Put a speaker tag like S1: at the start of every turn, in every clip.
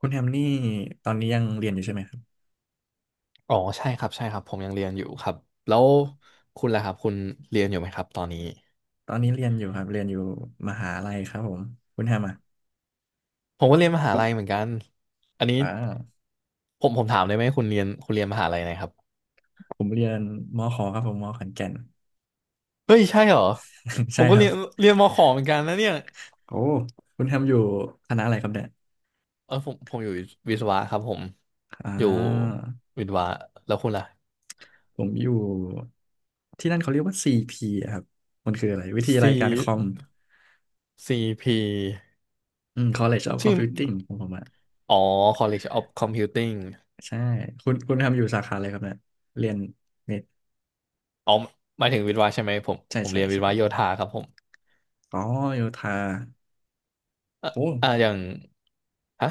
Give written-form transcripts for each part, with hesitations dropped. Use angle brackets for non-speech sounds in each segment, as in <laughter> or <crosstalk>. S1: คุณแฮมนี่ตอนนี้ยังเรียนอยู่ใช่ไหมครับ
S2: อ๋อใช่ครับใช่ครับผมยังเรียนอยู่ครับแล้วคุณล่ะครับคุณเรียนอยู่ไหมครับตอนนี้
S1: ตอนนี้เรียนอยู่ครับเรียนอยู่มหาลัยครับผมคุณแฮมอ่ะ
S2: ผมก็เรียนมหาลัยเหมือนกันอันนี้
S1: อ่า
S2: ผมถามได้ไหมคุณเรียนมหาลัยไหนครับ
S1: ผมเรียนมขครับผมมขอนแก่น
S2: เฮ้ยใช่เหรอ
S1: <laughs>
S2: ผ
S1: ใช่
S2: มก็
S1: ครั
S2: เรี
S1: บ
S2: ยนเรียนมขอเหมือนกันนะเนี่ย
S1: โอ้คุณแฮมอยู่คณะอะไรครับเนี่ย
S2: เออผมอยู่วิศวะครับผม
S1: อ่
S2: อยู่
S1: า
S2: วิศวะแล้วคุณล่ะ
S1: ผมอยู่ที่นั่นเขาเรียกว่า CP อะครับมันคืออะไรวิทยาลัยการค
S2: C
S1: อม
S2: CP
S1: อืม College of
S2: ชื่อ
S1: Computing ของผมอ่ะ
S2: อ๋อ College of Computing
S1: ใช่คุณคุณแฮมอยู่สาขาอะไรครับเนี่ยเรียนเน็ต
S2: อ๋อหมายถึงวิศวะใช่ไหมผม
S1: ใช่
S2: ผม
S1: ใช่
S2: เรียนวิศ
S1: ใช่
S2: วะโยธาครับผม
S1: อ๋อโยู่ทา
S2: อ่ะ
S1: โอ้
S2: อ่ะอย่างฮะ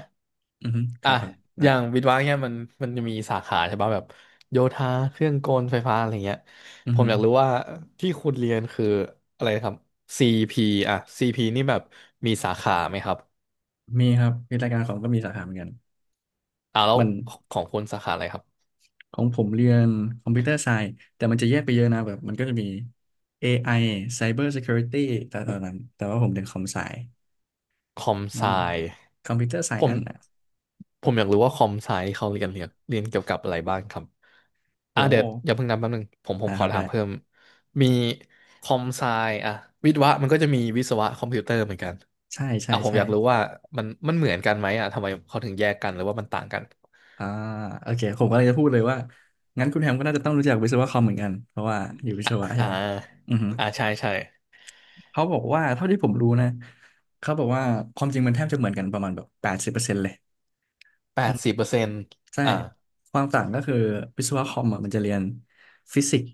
S1: อือฮึครั
S2: อ่ะ
S1: บครับ
S2: อ
S1: นะ
S2: ย่างวิศวะเนี่ยมันมันจะมีสาขาใช่ป่ะแบบโยธาเครื่องกลไฟฟ้าอะไรเงี้ย
S1: อือ
S2: ผม
S1: หือ
S2: อยากรู้ว่าที่คุณเรียนคืออะไรครับ CP อ่ะ CP นี่แบบมีสาขาไหมครับ
S1: มีครับมีรายการของก็มีสาขาเหมือนกัน
S2: อ่าแล้ว
S1: มัน
S2: ของคุณสาขาอะไรครับ
S1: ของผมเรียนคอมพิวเตอร์ไซน์แต่มันจะแยกไปเยอะนะแบบมันก็จะมี AI Cyber Security แต่ตอนนั้นแต่ว่าผมเรียนคอมไซ
S2: คอม
S1: อื
S2: ไซ
S1: มคอมพิวเตอร์ไซ
S2: ผม
S1: อันอ่ะ
S2: ผมอยากรู้ว่าคอมไซที่เขาเรียนเกี่ยวกับอะไรบ้างครับ
S1: โห
S2: อ่ะเดี๋ยวอย่าเพิ่งนับแป๊บนึงผม
S1: นะ
S2: ข
S1: ค
S2: อ
S1: รับแห
S2: ถาม
S1: ละ
S2: เพิ่ม มีคอมไซอ่ะวิศวะมันก็จะมีวิศวะคอมพิวเตอร์เหมือนกัน
S1: ใช่ใช่
S2: อ่ะผม
S1: ใช่
S2: อยากรู้ว่ามันมันเหมือนกันไหมอ่ะทำไมเขาถึงแยกกันหรือว่ามันต่างกัน
S1: อ่าโอเคผมก็เลยจะพูดเลยว่างั้นคุณแฮมก็น่าจะต้องรู้จักวิศวะคอมเหมือนกันเพราะว่าอยู่วิศ
S2: อ่ะ
S1: วะใช่
S2: อ่า
S1: ไหมอือฮึ
S2: อ่าใช่ใช่
S1: เขาบอกว่าเท่าที่ผมรู้นะเขาบอกว่าความจริงมันแทบจะเหมือนกันประมาณแบบ80%เลย
S2: 80%
S1: ใช่
S2: อ่า
S1: ความต่างก็คือวิศวะคอมอ่ะมันจะเรียนฟิสิกส์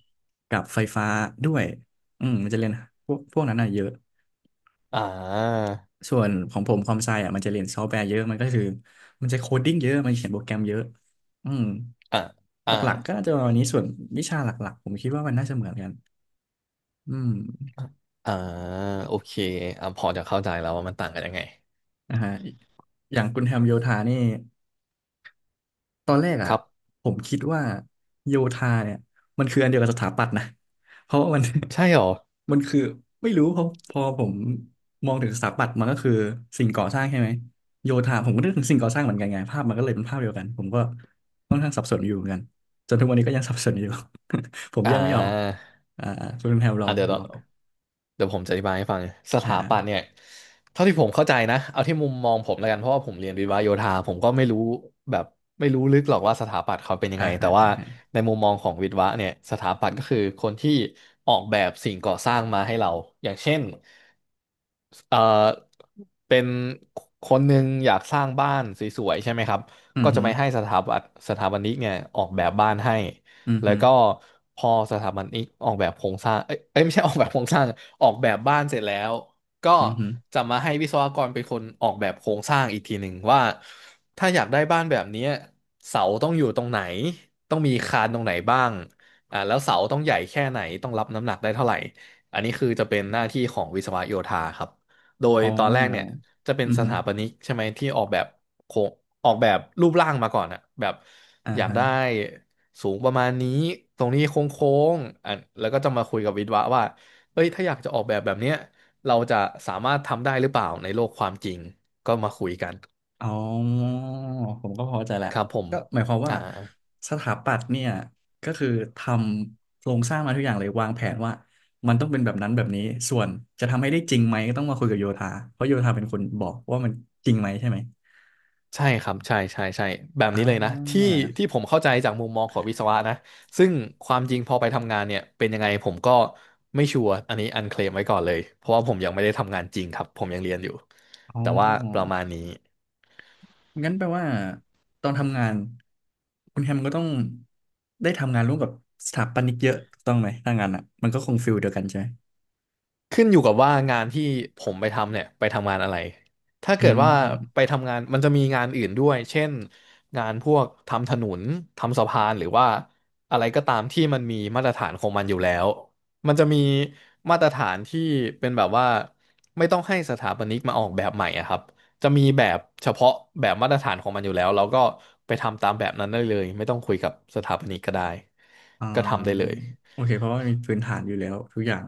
S1: กับไฟฟ้าด้วยอืมมันจะเรียนพวกนั้นอ่ะเยอะ
S2: อ่า
S1: ส่วนของผมความไซอ่ะมันจะเรียนซอฟต์แวร์เยอะ มันก็คือมันจะโคดดิ้งเยอะมันเขียนโปรแกรมเยอะอืม
S2: อ่า
S1: ห
S2: อ่า
S1: ลักๆก็น่าจะประมาณนี้ส่วนวิชาหลักๆผมคิดว่ามันน่าจะเหมือนกันอืม
S2: อ่าโอเคอ่ะพอจะเข้าใจแล้วว่ามันต่างกันยังไง
S1: อ่าฮะอย่างคุณแฮมโยธานี่ ตอนแรก
S2: ค
S1: อ่ะ
S2: รับ
S1: ผมคิดว่าโยธาเนี่ยมันคืออันเดียวกับสถาปัตย์นะ <laughs> เพราะว่ามัน
S2: ใช่เหรอ
S1: <laughs> มันคือไม่รู้เพอพอผมมองถึงสถาปัตย์มันก็คือสิ่งก่อสร้างใช่ไหมโยธาผมก็นึกถึงสิ่งก่อสร้างเหมือนกันไงภาพมันก็เลยเป็นภาพเดียวกันผมก็ค่อนข้างสับสนอยู่เหมือนกันจนทุกวันนี้ก็ยังสับสนอยู่ <laughs> ผม
S2: อ่
S1: แยกไม่ออก
S2: า
S1: อ่าคุณแพรลอ
S2: อ่า
S1: ง
S2: เดี๋ยว
S1: ล
S2: เรา
S1: อง
S2: เดี๋ยวผมจะอธิบายให้ฟังส
S1: อ่
S2: ถาปัตย์เนี่
S1: า
S2: ยเท่าที่ผมเข้าใจนะเอาที่มุมมองผมแล้วกันเพราะว่าผมเรียนวิศวะโยธาผมก็ไม่รู้แบบไม่รู้ลึกหรอกว่าสถาปัตย์เขาเป็นยัง
S1: อ่า
S2: ไง
S1: อ่า
S2: แต่ว่า
S1: อ่าอ่า
S2: ในมุมมองของวิศวะเนี่ยสถาปัตย์ก็คือคนที่ออกแบบสิ่งก่อสร้างมาให้เราอย่างเช่นเอ่อเป็นคนหนึ่งอยากสร้างบ้านสวยๆใช่ไหมครับ
S1: อื
S2: ก็
S1: อ
S2: จะ
S1: ฮึอ
S2: ไปให้สถาปัตย์สถาปนิกเนี่ยออกแบบบ้านให้
S1: ือ
S2: แล้ว
S1: ฮึ
S2: ก็
S1: อ
S2: พอสถาบันนี้ออกแบบโครงสร้างเอ้ยเอ้ยไม่ใช่ออกแบบโครงสร้างออกแบบบ้านเสร็จแล้วก็
S1: ือฮึอ
S2: จะมาให้วิศวกรเป็นคนออกแบบโครงสร้างอีกทีหนึ่งว่าถ้าอยากได้บ้านแบบเนี้ยเสาต้องอยู่ตรงไหนต้องมีคานตรงไหนบ้างอ่าแล้วเสาต้องใหญ่แค่ไหนต้องรับน้ำหนักได้เท่าไหร่อันนี้คือจะเป็นหน้าที่ของวิศวโยธาครับโดย
S1: ๋
S2: ตอนแรกเนี่ย
S1: อ
S2: จะเป็น
S1: อือ
S2: ส
S1: ฮึอ
S2: ถาปนิกใช่ไหมที่ออกแบบโครงออกแบบรูปร่างมาก่อนอะแบบ
S1: อ่า
S2: อยาก
S1: ฮะ
S2: ได้ สูงประมาณนี้ตรงนี้โค้งๆอ่ะแล้วก็จะมาคุยกับวิศวะว่าเอ้ยถ้าอยากจะออกแบบแบบเนี้ยเราจะสามารถทำได้หรือเปล่าในโลกความจริงก็มาคุยกัน
S1: อ๋อผมก็พอใจแหละ
S2: ครับผม
S1: ก็หมายความว่า
S2: อ่า
S1: สถาปัตย์เนี่ยก็คือทำโครงสร้างมาทุกอย่างเลยวางแผนว่ามันต้องเป็นแบบนั้นแบบนี้ส่วนจะทำให้ได้จริงไหมก็ต้องมาคุยกับโยธาเพราะโยธาเป็นคนบอกว่ามันจริงไหมใช่ไหม
S2: ใช่ครับใช่ใช่ใช่แบบ
S1: อ่
S2: นี้เลยนะที่
S1: า
S2: ที่ผมเข้าใจจากมุมมองของวิศวะนะซึ่งความจริงพอไปทำงานเนี่ยเป็นยังไงผมก็ไม่ชัวร์อันนี้อันเคลมไว้ก่อนเลยเพราะว่าผมยังไม่ได้ทำงานจริงครับผมยังเรียนอยู่
S1: อ๋อ
S2: แต่ว่าประมาณนี้
S1: งั้นแปลว่าตอนทำงานคุณแฮมก็ต้องได้ทำงานร่วมกับสถาปนิกเยอะถูกต้องไหมถ้างานอ่ะมันก็คงฟิลเดียวกันใช่ไหม
S2: ขึ้นอยู่กับว่างานที่ผมไปทำเนี่ยไปทำงานอะไรถ้า
S1: อื
S2: เกิดว่าไป
S1: ม
S2: ทำงานมันจะมีงานอื่นด้วยเช่นงานพวกทำถนนทำสะพานหรือว่าอะไรก็ตามที่มันมีมาตรฐานของมันอยู่แล้วมันจะมีมาตรฐานที่เป็นแบบว่าไม่ต้องให้สถาปนิกมาออกแบบใหม่อะครับจะมีแบบเฉพาะแบบมาตรฐานของมันอยู่แล้วเราก็ไปทำตามแบบนั้นได้เลยไม่ต้องคุยกับสถาปนิกก็ได้
S1: อ่
S2: ก็ทำได้
S1: า
S2: เลย
S1: โอเคเพราะว่ามีพื้นฐานอยู่แล้วทุกอย่าง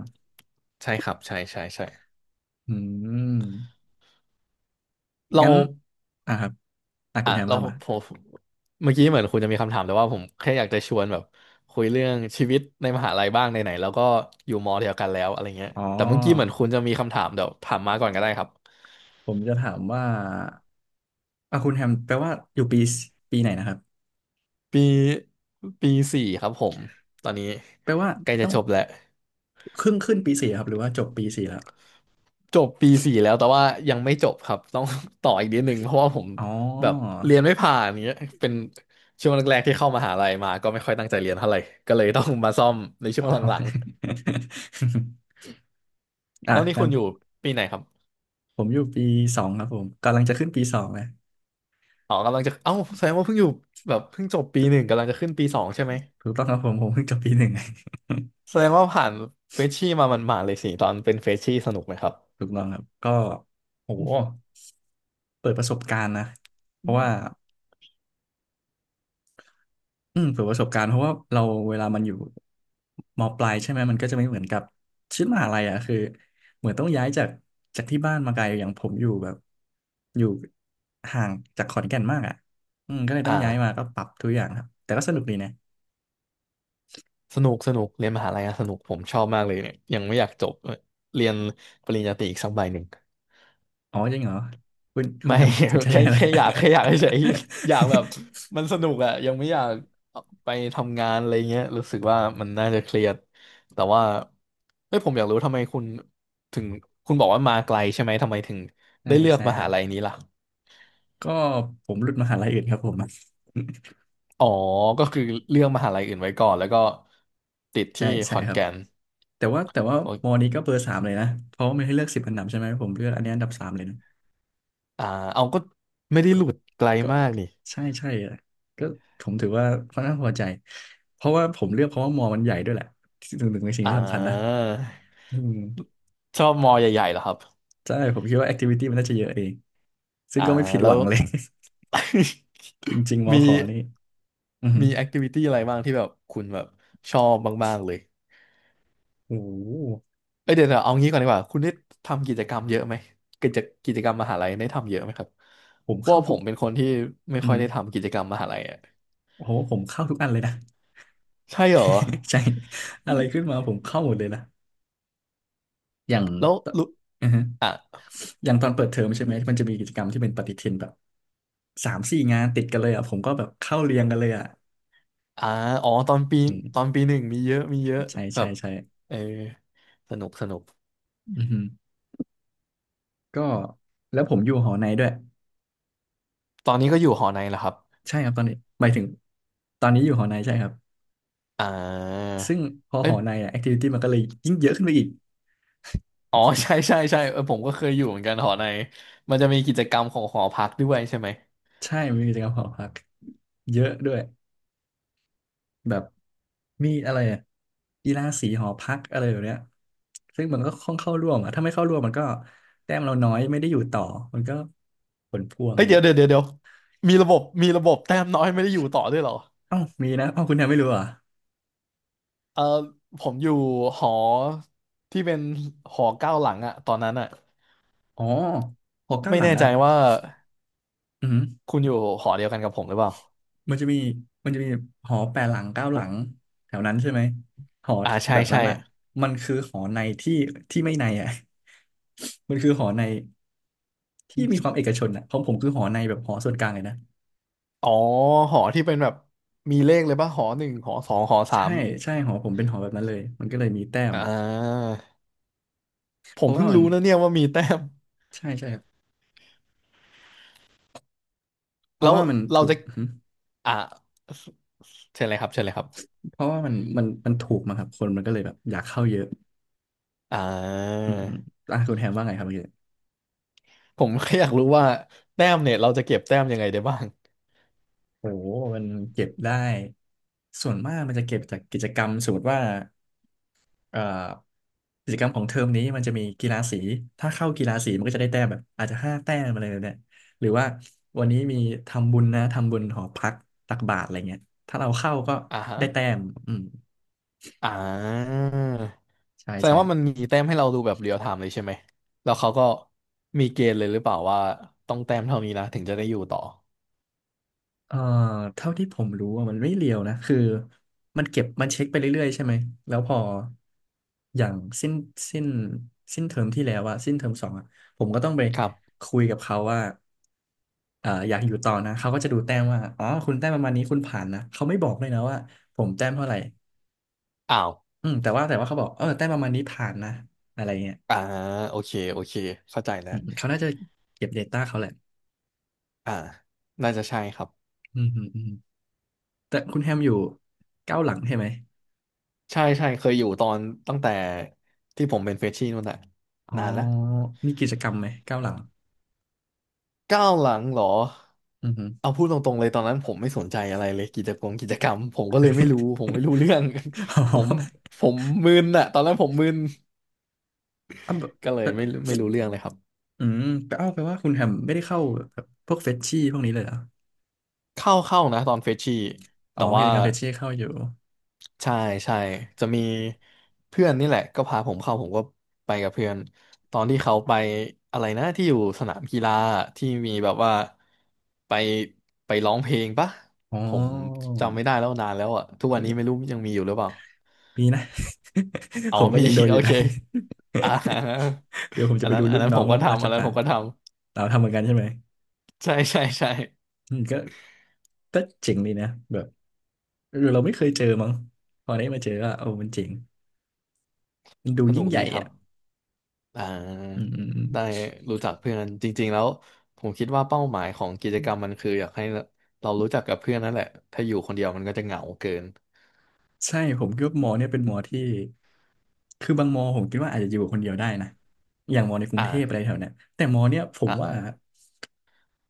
S2: ใช่ครับใช่ใช่ใช่
S1: อืม
S2: เรา
S1: งั้นอ่ะครับอ่ะคุ
S2: อ่ะ
S1: ณแฮม
S2: เรา
S1: ว่า
S2: ผ
S1: มา
S2: มเมื่อกี้เหมือนคุณจะมีคำถามแต่ว่าผมแค่อยากจะชวนแบบคุยเรื่องชีวิตในมหาลัยบ้างไหนๆแล้วก็อยู่มอเดียวกันแล้วอะไรเงี้ย
S1: อ๋อ
S2: แต่เมื่อกี้เหมือนคุณจะมีคำถามเดี๋ยวถามมาก่อนก็ได้ครับ
S1: ผมจะถามว่าอ่ะคุณแฮมแปลว่าอยู่ปีปีไหนนะครับ
S2: ปีปีสี่ครับผมตอนนี้
S1: แปลว่า
S2: ใกล้จะ
S1: ต้อง
S2: จบแล้ว
S1: ครึ่งขึ้นปีสี่ครับหรือว่าจบปีสี่แล้ว
S2: จบปีสี่แล้วแต่ว่ายังไม่จบครับต้อง <laughs> ต่ออีกนิดนึงเพราะว่าผม
S1: อ๋อ
S2: แบบเรียนไม่ผ่านอย่างเงี้ยเป็นช่วงแรกๆที่เข้ามหาลัยมาก็ไม่ค่อยตั้งใจเรียนเท่าไหร่ก็เลยต้องมาซ่อมในช่
S1: อ๋
S2: วง
S1: อ <laughs>
S2: หลังๆ
S1: อ่ะ
S2: แล้วนี่
S1: งั้
S2: คุ
S1: น
S2: ณอยู่ปีไหนครับ
S1: ผมอยู่ปีสองครับผมกำลังจะขึ้นปีสองเลย
S2: อ๋อกำลังจะเอ้าแสดงว่าเพิ่งอยู่แบบเพิ่งจบปีหนึ่งกำลังจะขึ้นปีสองใช่ไหม
S1: ถูกต้องครับผมผมเพิ่งจบปี 1
S2: แสดงว่าผ่านเฟรชชี่มามันหมาดๆเลยสิตอนเป็นเฟรชชี่สนุกไหมครับ
S1: ถูกต้องครับก็โหเปิดประสบการณ์นะเพราะว่าอืมเปิดประสบการณ์เพราะว่าเราเวลามันอยู่มปลายใช่ไหมมันก็จะไม่เหมือนกับชีวิตมหาลัยอ่ะคือเหมือนต้องย้ายจากจากที่บ้านมาไกลอย่างผมอยู่แบบอยู่ห่างจากขอนแก่นมากอ่ะอืมก็เลย
S2: อ
S1: ต้องย้ายมา
S2: ่า
S1: ก็ปรับทุกอย่างครับแต่ก็สนุกดีนะ
S2: สนุกสนุกเรียนมหาลัยอะสนุกผมชอบมากเลยเนี่ยยังไม่อยากจบเรียนปริญญาตรีอีกสักใบหนึ่ง
S1: อ๋อจริงเหรอคุณคุณ
S2: ไม่
S1: ทำสนใจ
S2: <laughs> แค่
S1: อะไร
S2: แค่อยากแค่อยากเฉยๆอยากแบบ
S1: <laughs>
S2: มันสนุกอะยังไม่อยากไปทำงานอะไรเงี้ยรู้สึกว่ามันน่าจะเครียดแต่ว่าเฮ้ยผมอยากรู้ทำไมคุณถึงคุณบอกว่ามาไกลใช่ไหมทำไมถึง
S1: ใช่
S2: ได้เลือก
S1: ใช่
S2: ม
S1: ครั
S2: หา
S1: บ
S2: ลัยนี้ล่ะ
S1: ก็ผมหลุดมหาลัยอื่นครับผม
S2: อ๋อก็คือเลือกมหาลัยอื่นไว้ก่อนแล้วก็ติด
S1: ใช่
S2: ที่ข
S1: ใช่
S2: อน
S1: ครับ
S2: แก่น
S1: แต่ว่าแต่ว่า
S2: โอ้ย
S1: มอนี้ก็เบอร์ 3เลยนะเพราะว่ามันให้เลือก10 อันดับใช่ไหมผมเลือกอันนี้อันดับ 3เลยนะ
S2: อ่าเอาก็ไม่ได้
S1: ก็
S2: หลุดไกล
S1: ก็
S2: มาก
S1: ก็
S2: นี่
S1: ใช่ใช่อะก็ผมถือว่าค่อนข้างพอใจเพราะว่าผมเลือกเพราะว่ามอมันใหญ่ด้วยแหละหนึ่งในสิ่ง
S2: อ่
S1: ที่สำคัญนะ
S2: า
S1: อืม
S2: ชอบมอใหญ่ๆเหรอครับ
S1: ใช่ผมคิดว่าแอคทิวิตี้มันน่าจะเยอะเองซึ่ง
S2: อ่า
S1: ก็ไม่ผิด
S2: แล้
S1: หวั
S2: ว
S1: งเลย <laughs> จริง
S2: <laughs>
S1: ๆมอ
S2: มี
S1: ขอนี่อือหื
S2: มี
S1: อ
S2: แอคทิวิตี้อะไรบ้างที่แบบคุณแบบชอบบ้างๆเลย
S1: โอ้โห
S2: เอ้ยเดี๋ยวๆเอางี้ก่อนดีกว่าคุณได้ทำกิจกรรมเยอะไหมกิจกิจกรรมมหาลัยได้ทำเยอะไหมครับ
S1: ผม
S2: เพราะ
S1: เข้า
S2: ว่าผ
S1: ทุก
S2: มเป็นคนที่ไม่
S1: อือ
S2: ค่อย
S1: หือ
S2: ได้ทำกิจกรรมมหาลัยอ่ะ
S1: โอ้โหผมเข้าทุกอันเลยนะ
S2: ใช่เหรอ
S1: <laughs> ใช่อะไรขึ้นมาผมเข้าหมดเลยนะอย่าง
S2: แล้วรู้
S1: อือ
S2: อ่ะ
S1: อย่างตอนเปิดเทอมใช่ไหมมันจะมีกิจกรรมที่เป็นปฏิทินแบบ3-4งานติดกันเลยอ่ะผมก็แบบเข้าเรียงกันเลยอ่ะ
S2: อ่าอ๋อตอนปี
S1: อื
S2: ตอน
S1: ม
S2: ปีหนึ่งมีเยอะมีเยอะ
S1: ใช่
S2: แบ
S1: ใช่
S2: บ
S1: ใช่
S2: เออสนุกสนุก
S1: อือฮึก็แล้วผมอยู่หอในด้วย
S2: ตอนนี้ก็อยู่หอในแหละครับ
S1: ใช่ครับตอนนี้หมายถึงตอนนี้อยู่หอในใช่ครับ
S2: อ่า
S1: ซึ่งพอห
S2: เอ้ย
S1: อในอ่ะแอคทิวิตี้มันก็เลยยิ่งเยอะขึ้นไปอีก
S2: อ๋อ <laughs> ใช่ใช่ใช่เออผมก็เคยอยู่เหมือนกันหอในมันจะมีกิจกรรมของหอพักด้วยใช่ไหม
S1: ใช่มันมีกิจกรรมหอพักเยอะด้วย แบบมีอะไรอะกีฬาสีหอพักอะไรแบบเนี้ยซึ่งมันก็ค่อนเข้าร่วมอะถ้าไม่เข้าร่วมมันก็แต้มเราน้อยไม่ได้อยู่ต่อมันก็ผลพวงอะ
S2: เฮ้
S1: ไรอ
S2: ย
S1: ย่าง
S2: เดี๋ยว
S1: เงี้ย
S2: เดี๋ยวเดี๋ยวเดี๋ยวมีระบบมีระบบแต้มน้อยไม่ได้อยู่ต่อด้วยเหรอ
S1: เอ้ามีนะเอ้าคุณแทนไม่รู้เหรอ่ะ
S2: เออผมอยู่หอที่เป็นหอเก้าหลังอะตอนนั้นอะ
S1: อ๋อหอเก้า
S2: ไม่
S1: หลัง
S2: แน่ใจ
S1: อ่ะ
S2: ว่า
S1: อืม
S2: คุณอยู่หอเดียวกันกับผมหรือเปล่า
S1: มันจะมีมันจะมีหอแปดหลังเก้าหลังแถวนั้นใช่ไหมหอ
S2: อ่าใช่
S1: แบบนั้
S2: ใช่
S1: นอ่ะมันคือหอในที่ที่ไม่ในอ่ะ <laughs> มันคือหอในที่มีความเอกชนอ่ะของผมคือหอในแบบหอส่วนกลางเลยนะ
S2: อ๋อหอที่เป็นแบบมีเลขเลยป่ะหอหนึ่งหอสองหอสา
S1: ใช่
S2: ม
S1: ใช่หอผมเป็นหอแบบนั้นเลยมันก็เลยมีแต้ม
S2: อ่าผ
S1: เพ
S2: ม
S1: ราะว่า
S2: เพิ่ง
S1: มัน
S2: รู้นะเนี่ยว่ามีแต้ม
S1: ใช่ใช่ครับเพ
S2: แล้
S1: ราะ
S2: ว
S1: ว่ามัน
S2: เรา
S1: ถูก
S2: จะ
S1: หึ
S2: อ่าเชิญเลยครับเชิญเลยครับ
S1: เพราะว่ามันถูกมาครับคนมันก็เลยแบบอยากเข้าเยอะ
S2: อ่า
S1: อืมอืมอ่ะคุณแฮมว่าไงครับเมื่อกี้
S2: ผมแค่อยากรู้ว่าแต้มเนี่ยเราจะเก็บแต้มยังไงได้บ้าง
S1: โอ้โหมันเก็บได้ส่วนมากมันจะเก็บจากกิจกรรมสมมติว่าเอ่อกิจกรรมของเทอมนี้มันจะมีกีฬาสีถ้าเข้ากีฬาสีมันก็จะได้แต้มแบบอาจจะ5 แต้มอะไรแบบเนี่ยหรือว่าวันนี้มีทำบุญนะทำบุญหอพักตักบาตรอะไรเงี้ยถ้าเราเข้าก็
S2: อ่าฮะ
S1: ได้แต้มอืม
S2: อ่า
S1: ใช่
S2: แสด
S1: ใช่
S2: งว่ามันมีแต้มให้เราดูแบบเรียลไทม์เลยใช่ไหมแล้วเขาก็มีเกณฑ์เลยหรือเปล่าว่าต้องแต้มเท่านี้นะถึงจะได้อยู่ต่อ
S1: เอ่อเท่าที่ผมรู้อะมันไม่เรียวนะคือมันเก็บมันเช็คไปเรื่อยๆใช่ไหมแล้วพออย่างสิ้นสิ้นสิ้นเทอมที่แล้วอะสิ้นเทอมสองอะผมก็ต้องไป
S2: ครับ
S1: คุยกับเขาว่าอยากอยู่ต่อนะเขาก็จะดูแต้มว่าอ๋อคุณแต้มประมาณนี้คุณผ่านนะเขาไม่บอกเลยนะว่าผมแต้มเท่าไหร่
S2: อ้าว
S1: อืมแต่ว่าเขาบอกเออแต้มประมาณนี้ผ่านนะอะไรเงี้ย
S2: อ่าโอเคโอเคเข้าใจแล้
S1: อื
S2: ว
S1: มเขาน่าจะเก็บ Data เขาแหละ
S2: อ่าน่าจะใช่ครับ
S1: อืมอืมอืมแต่คุณแฮมอยู่เก้าหลังใช่ไหม
S2: ใช่ใช่เคยอยู่ตอนตั้งแต่ที่ผมเป็นเฟรชชี่นู่นน่ะ
S1: อ๋อ
S2: นานแล้ว
S1: มีกิจกรรมไหมเก้าหลัง
S2: ก้าวหลังเหรอ
S1: อือหือ
S2: เอาพูดตรงๆเลยตอนนั้นผมไม่สนใจอะไรเลยกิจกรรมกิจกรรมผมก็เลยไม่รู้
S1: <laughs>
S2: ผมไม่รู้เรื่อง
S1: อ๋อ
S2: <laughs> ผมผมมึนอะตอนนั้นผมมึน
S1: อ้าวแบบ
S2: ก็เล
S1: แบ
S2: ย
S1: บ
S2: ไม่รู้เรื่องเลยครับ
S1: อืมแปลเอ้าวแปลว่าคุณแฮมไม่ได้เข้าแบบพวกเฟชชี่พวกนี้เลยเหรอ
S2: เข้านะตอนเฟชชี่
S1: อ๋อ
S2: แต่
S1: กิ
S2: ว่า
S1: จกรรมเฟชชี่เข้าอยู่
S2: ใช่ใช่จะมีเพื่อนนี่แหละก็พาผมเข้าผมก็ไปกับเพื่อนตอนที่เขาไปอะไรนะที่อยู่สนามกีฬาที่มีแบบว่าไปไปร้องเพลงปะ
S1: อ๋
S2: ผม
S1: อ
S2: จำไม่ได้แล้วนานแล้วอะทุกวันนี้ไม่รู้ยังมีอยู่หรือเปล่า
S1: ปีนะ
S2: อ๋
S1: <laughs>
S2: อ
S1: ผมก็
S2: มี
S1: ยังโดน
S2: <laughs>
S1: อ
S2: โอ
S1: ยู่
S2: เค
S1: น้
S2: อ่า <laughs>
S1: <laughs> เดี๋ยวผม
S2: อั
S1: จะ
S2: น
S1: ไป
S2: นั้
S1: ดู
S2: นอั
S1: รุ่
S2: น
S1: น
S2: นั้น
S1: น้
S2: ผ
S1: อ
S2: ม
S1: ง
S2: ก็
S1: รั
S2: ทำ
S1: ช
S2: อันนั้น
S1: ตา
S2: ผมก็ท
S1: เราทำเหมือนกันใช่ไหม
S2: ำใช่ใช่ใช่
S1: อืมก็เจ๋งดีนะแบบเออเราไม่เคยเจอมั้งพอได้มาเจอก็โอ้มันเจ๋งมันดู
S2: สนุ
S1: ยิ่ง
S2: ก
S1: ให
S2: ดี
S1: ญ่
S2: ครับ
S1: อ่ะ
S2: อ่
S1: อื
S2: าได้
S1: ม
S2: รู้จักเพื่อนจริงๆแล้วผมคิดว่าเป้าหมายของกิจกรรมมันคืออยากให้เรารู้จักกับเพื่อนนั่นแหละถ้าอยู่คนเดียวมันก็จะเหงาเกิน
S1: ใช่ผมคิดว่าหมอเนี่ยเป็นหมอที่คือบางมอผมคิดว่าอาจจะอยู่คนเดียวได้นะอย่างมอในกรุงเทพอะไร
S2: อ่า
S1: แถวเนี้ยแต่มอเนี่ยผม
S2: อ่า
S1: ว่า
S2: <laughs>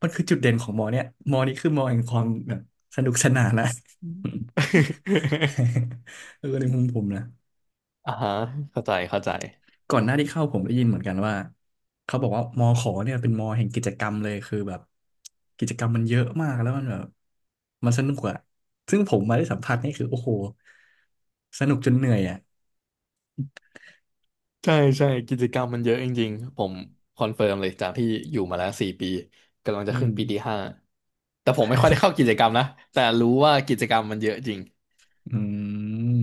S1: มันคือจุดเด่นของมอเนี่ยมอนี้คือมอแห่งความแบบสนุกสนานนะ <laughs> เออในมุมผมนะ
S2: อ่า <laughs> ฮะเข้าใจเข้าใจ
S1: ก่อนหน้าที่เข้าผมได้ยินเหมือนกันว่าเขาบอกว่ามอขอเนี่ยเป็นมอแห่งกิจกรรมเลยคือแบบกิจกรรมมันเยอะมากแล้วมันแบบมันสนุกอะซึ่งผมมาได้สัมผัสนี่คือโอ้โหสนุกจนเหนื่อยอะ
S2: ใช่ใช่กิจกรรมมันเยอะจริงๆผมคอนเฟิร์มเลยจากที่อยู่มาแล้ว4 ปีกำลัง
S1: อื
S2: จะขึ้
S1: ม
S2: นปีที่ห้าแต่ผมไม่ค่อยได้
S1: <laughs>
S2: เข้ากิจกรรมนะแต่รู้ว่ากิจกรรมมันเยอะจริง
S1: อืม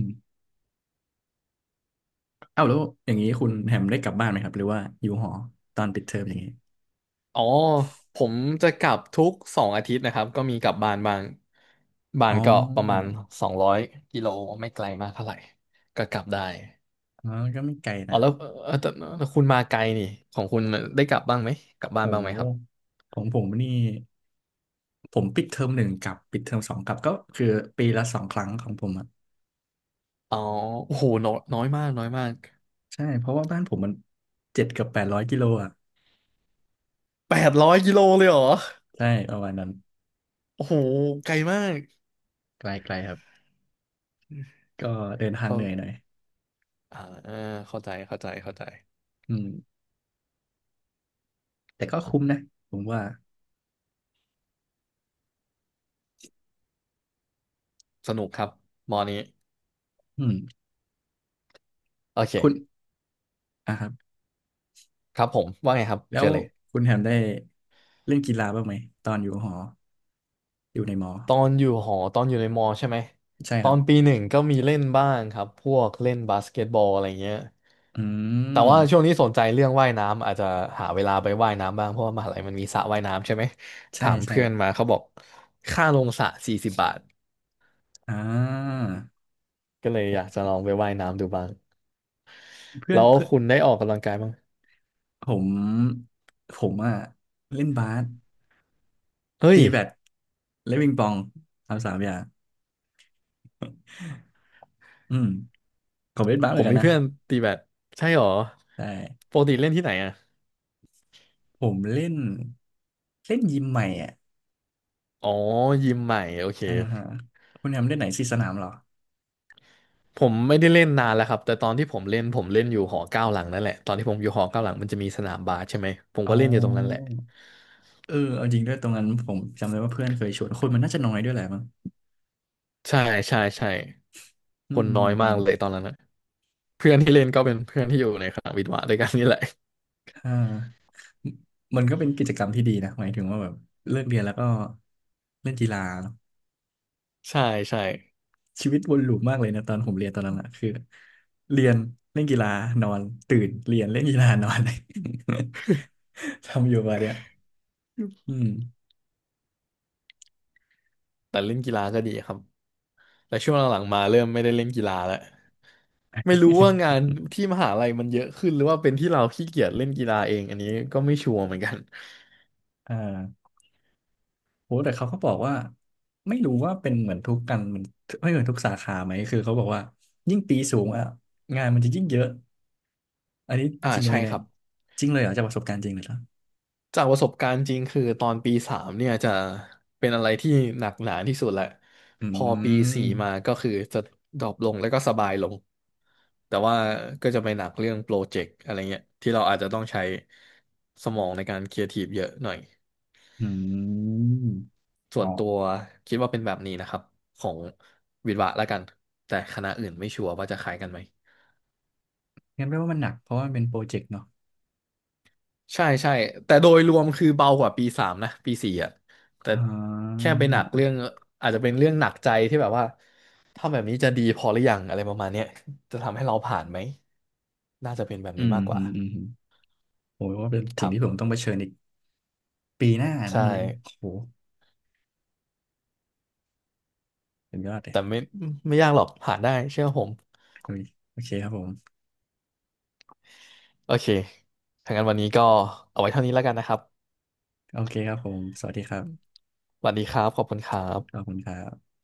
S1: เอ้าแล้วอย่างนี้คุณแฮมได้กลับบ้านไหมครับหรือว่าอยู่หอตอนปิดเทอมอย่างนี้
S2: อ๋อผมจะกลับทุก2 อาทิตย์นะครับก็มีกลับบ้านบ้างบ้า
S1: อ๋อ
S2: นก็ประมาณ200 กิโลไม่ไกลมากเท่าไหร่ก็กลับได้
S1: อ๋อ ก็ไม่ไกล
S2: อ๋อ
S1: นะ
S2: แล้วเออแต่แต่คุณมาไกลนี่ของคุณได้กลับบ้างไหมกลับบ้า
S1: โ
S2: นบ้างไหมครับ
S1: หของผมนี่ผมปิดเทอมหนึ่งกลับปิดเทอมสองกลับก็คือปีละ 2 ครั้งของผมอ่ะ
S2: อ๋อโอ้โหน้อยน้อยมากน้อยมาก
S1: ใช่ เพราะว่าบ้านผมมัน7-800 กิโลอ่ะ
S2: 800 กิโลเลยเหรอ
S1: ใช่ประมาณนั้น
S2: โอ้โหไกลมาก
S1: ไกลๆครับ ก็เดินทาง
S2: เขา
S1: เหนื่อยหน่อย
S2: อ่าเข้าใจเข้าใจเข้าใจ
S1: อืมแต่ก็คุ้มนะผมว่า
S2: สนุกครับมอนี้
S1: อืม
S2: โอเค
S1: คุณอ่ะครับ
S2: ครับผมว่าไงครับ
S1: แล้
S2: เจ
S1: ว
S2: อเลย
S1: คุณแฮมได้เล่นกีฬาบ้างไหมตอนอยู่หออยู่ในมอ
S2: ตอนอยู่หอตอนอยู่ในมอใช่ไหม
S1: ใช่
S2: ต
S1: ค
S2: อ
S1: รั
S2: นปี
S1: บ
S2: หนึ่งก็มีเล่นบ้างครับพวกเล่นบาสเกตบอลอะไรเงี้ย
S1: อื
S2: แต่
S1: ม
S2: ว่าช่วงนี้สนใจเรื่องว่ายน้ำอาจจะหาเวลาไปว่ายน้ำบ้างเพราะว่ามหาลัยมันมีสระว่ายน้ำใช่ไหม
S1: ใช่
S2: ถาม
S1: ใช่
S2: เพื่อนมาเขาบอกค่าลงสระ40 บาท
S1: อ่า
S2: ก็เลย
S1: ผ
S2: อยาก
S1: ม
S2: จะลองไปว่ายน้ำดูบ้าง
S1: เพื่อ
S2: แล้
S1: น
S2: ว
S1: เพื่อน
S2: คุณได้ออกกำลังกายบ้าง
S1: ผมผมอ่ะเล่นบาส
S2: เฮ้ย
S1: ตีแบดและวิงปองทำสามอย่างอืมผมเล่นบาสเห
S2: ผ
S1: มือ
S2: ม
S1: นกั
S2: มี
S1: นนะ
S2: เพื่อนตีแบดใช่หรอ
S1: ใช่
S2: ปกติเล่นที่ไหนอ่ะ
S1: ผมเล่นเล่นยิมใหม่อ่ะ
S2: อ๋อยิมใหม่โอเค
S1: อ่าฮะคุณแฮมเล่นไหนสี่สนามเหรอ
S2: ผมไม่ได้เล่นนานแล้วครับแต่ตอนที่ผมเล่นผมเล่นอยู่หอเก้าหลังนั่นแหละตอนที่ผมอยู่หอเก้าหลังมันจะมีสนามบาสใช่ไหมผมก็
S1: อ๋อ
S2: เล่นอยู่ตรงนั้นแหละ
S1: เออเอาจริงด้วยตรงนั้นผมจำได้ว่าเพื่อนเคยชวนคนมันน่าจะน้อยด้วยแหละมั้ง
S2: ใช่ใช่ใช่
S1: อื
S2: ค
S1: ม
S2: น
S1: อื
S2: น้อ
S1: ม
S2: ย
S1: อื
S2: มาก
S1: ม
S2: เลยตอนนั้นนะเพื่อนที่เล่นก็เป็นเพื่อนที่อยู่ในคณะวิทย์วะด้วยกันนี่แหละ
S1: อ่ามันก็เป็นกิจกรรมที่ดีนะหมายถึงว่าแบบเลิกเรียนแล้วก็เล่นกีฬาเนอะ
S2: ใช่ใช่
S1: ชีวิตวนลูปมากเลยนะตอนผมเรียนตอนนั้นอะคือเรียนเล่นกีฬานอนตื่นเรียนเล่นกีฬานอน <laughs> ทำอยู่มาเนี่ยอืม
S2: แต่เล่นกีฬาก็ดีครับแต่ช่วงหลังๆมาเริ่มไม่ได้เล่นกีฬาแล้วไม่รู้ว่างานที่มหาลัยมันเยอะขึ้นหรือว่าเป็นที่เราขี้เกียจเล่นกีฬาเองอันนี้ก็ไม่ชัวร์เหมือนกัน
S1: อ่าโหแต่เขาก็บอกว่าไม่รู้ว่าเป็นเหมือนทุกกันเหมือนไม่เหมือนทุกสาขาไหมคือเขาบอกว่ายิ่งปีสูงอ่ะงานมันจะยิ่งเยอะอันนี้
S2: อ่า
S1: จริงไห
S2: ใช่
S1: มเนี่
S2: ค
S1: ย
S2: รับ
S1: จริงเลยเหรอจากประสบการณ์จริงเลยเหรอ
S2: จากประสบการณ์จริงคือตอนปีสามเนี่ยจะเป็นอะไรที่หนักหนาที่สุดแหละ
S1: อื
S2: พอปีสี่
S1: ม
S2: มาก็คือจะดรอปลงแล้วก็สบายลงแต่ว่าก็จะไปหนักเรื่องโปรเจกต์อะไรเงี้ยที่เราอาจจะต้องใช้สมองในการครีเอทีฟเยอะหน่อย
S1: อืม
S2: ส่
S1: อ๋อ
S2: วนตัวคิดว่าเป็นแบบนี้นะครับของวิศวะละกันแต่คณะอื่นไม่ชัวร์ว่าจะคล้ายกันไหม
S1: งั้นแปลว่ามันหนักเพราะว่ามันเป็นโปรเจกต์เนาะ
S2: ใช่ใช่แต่โดยรวมคือเบากว่าปีสามนะปีสี่อ่ะแต่
S1: อ่า
S2: แค่ไปหนักเรื่องอาจจะเป็นเรื่องหนักใจที่แบบว่าทำแบบนี้จะดีพอหรือยังอะไรประมาณเนี้ยจะทำให้เราผ่านไหมน่าจะเป็นแบบ
S1: อื
S2: นี้
S1: ม
S2: มากก
S1: อื
S2: ว่า
S1: มอืมโอ้ยว่าเป็น
S2: ค
S1: สิ่ง
S2: รั
S1: ที่ผม
S2: บ
S1: ต้องเผชิญอีกปีหน้านั่
S2: ใช่
S1: นนั่นเองโอ้โหเป็นยอดเลย
S2: แต่ไม่ยากหรอกผ่านได้เชื่อผม
S1: โอเคครับผม
S2: โอเคถ้างั้นวันนี้ก็เอาไว้เท่านี้แล้วกันนะครับ
S1: โอเคครับผมสวัสดีครับ
S2: สวัสดีครับขอบคุณครับ
S1: ขอบคุณครับ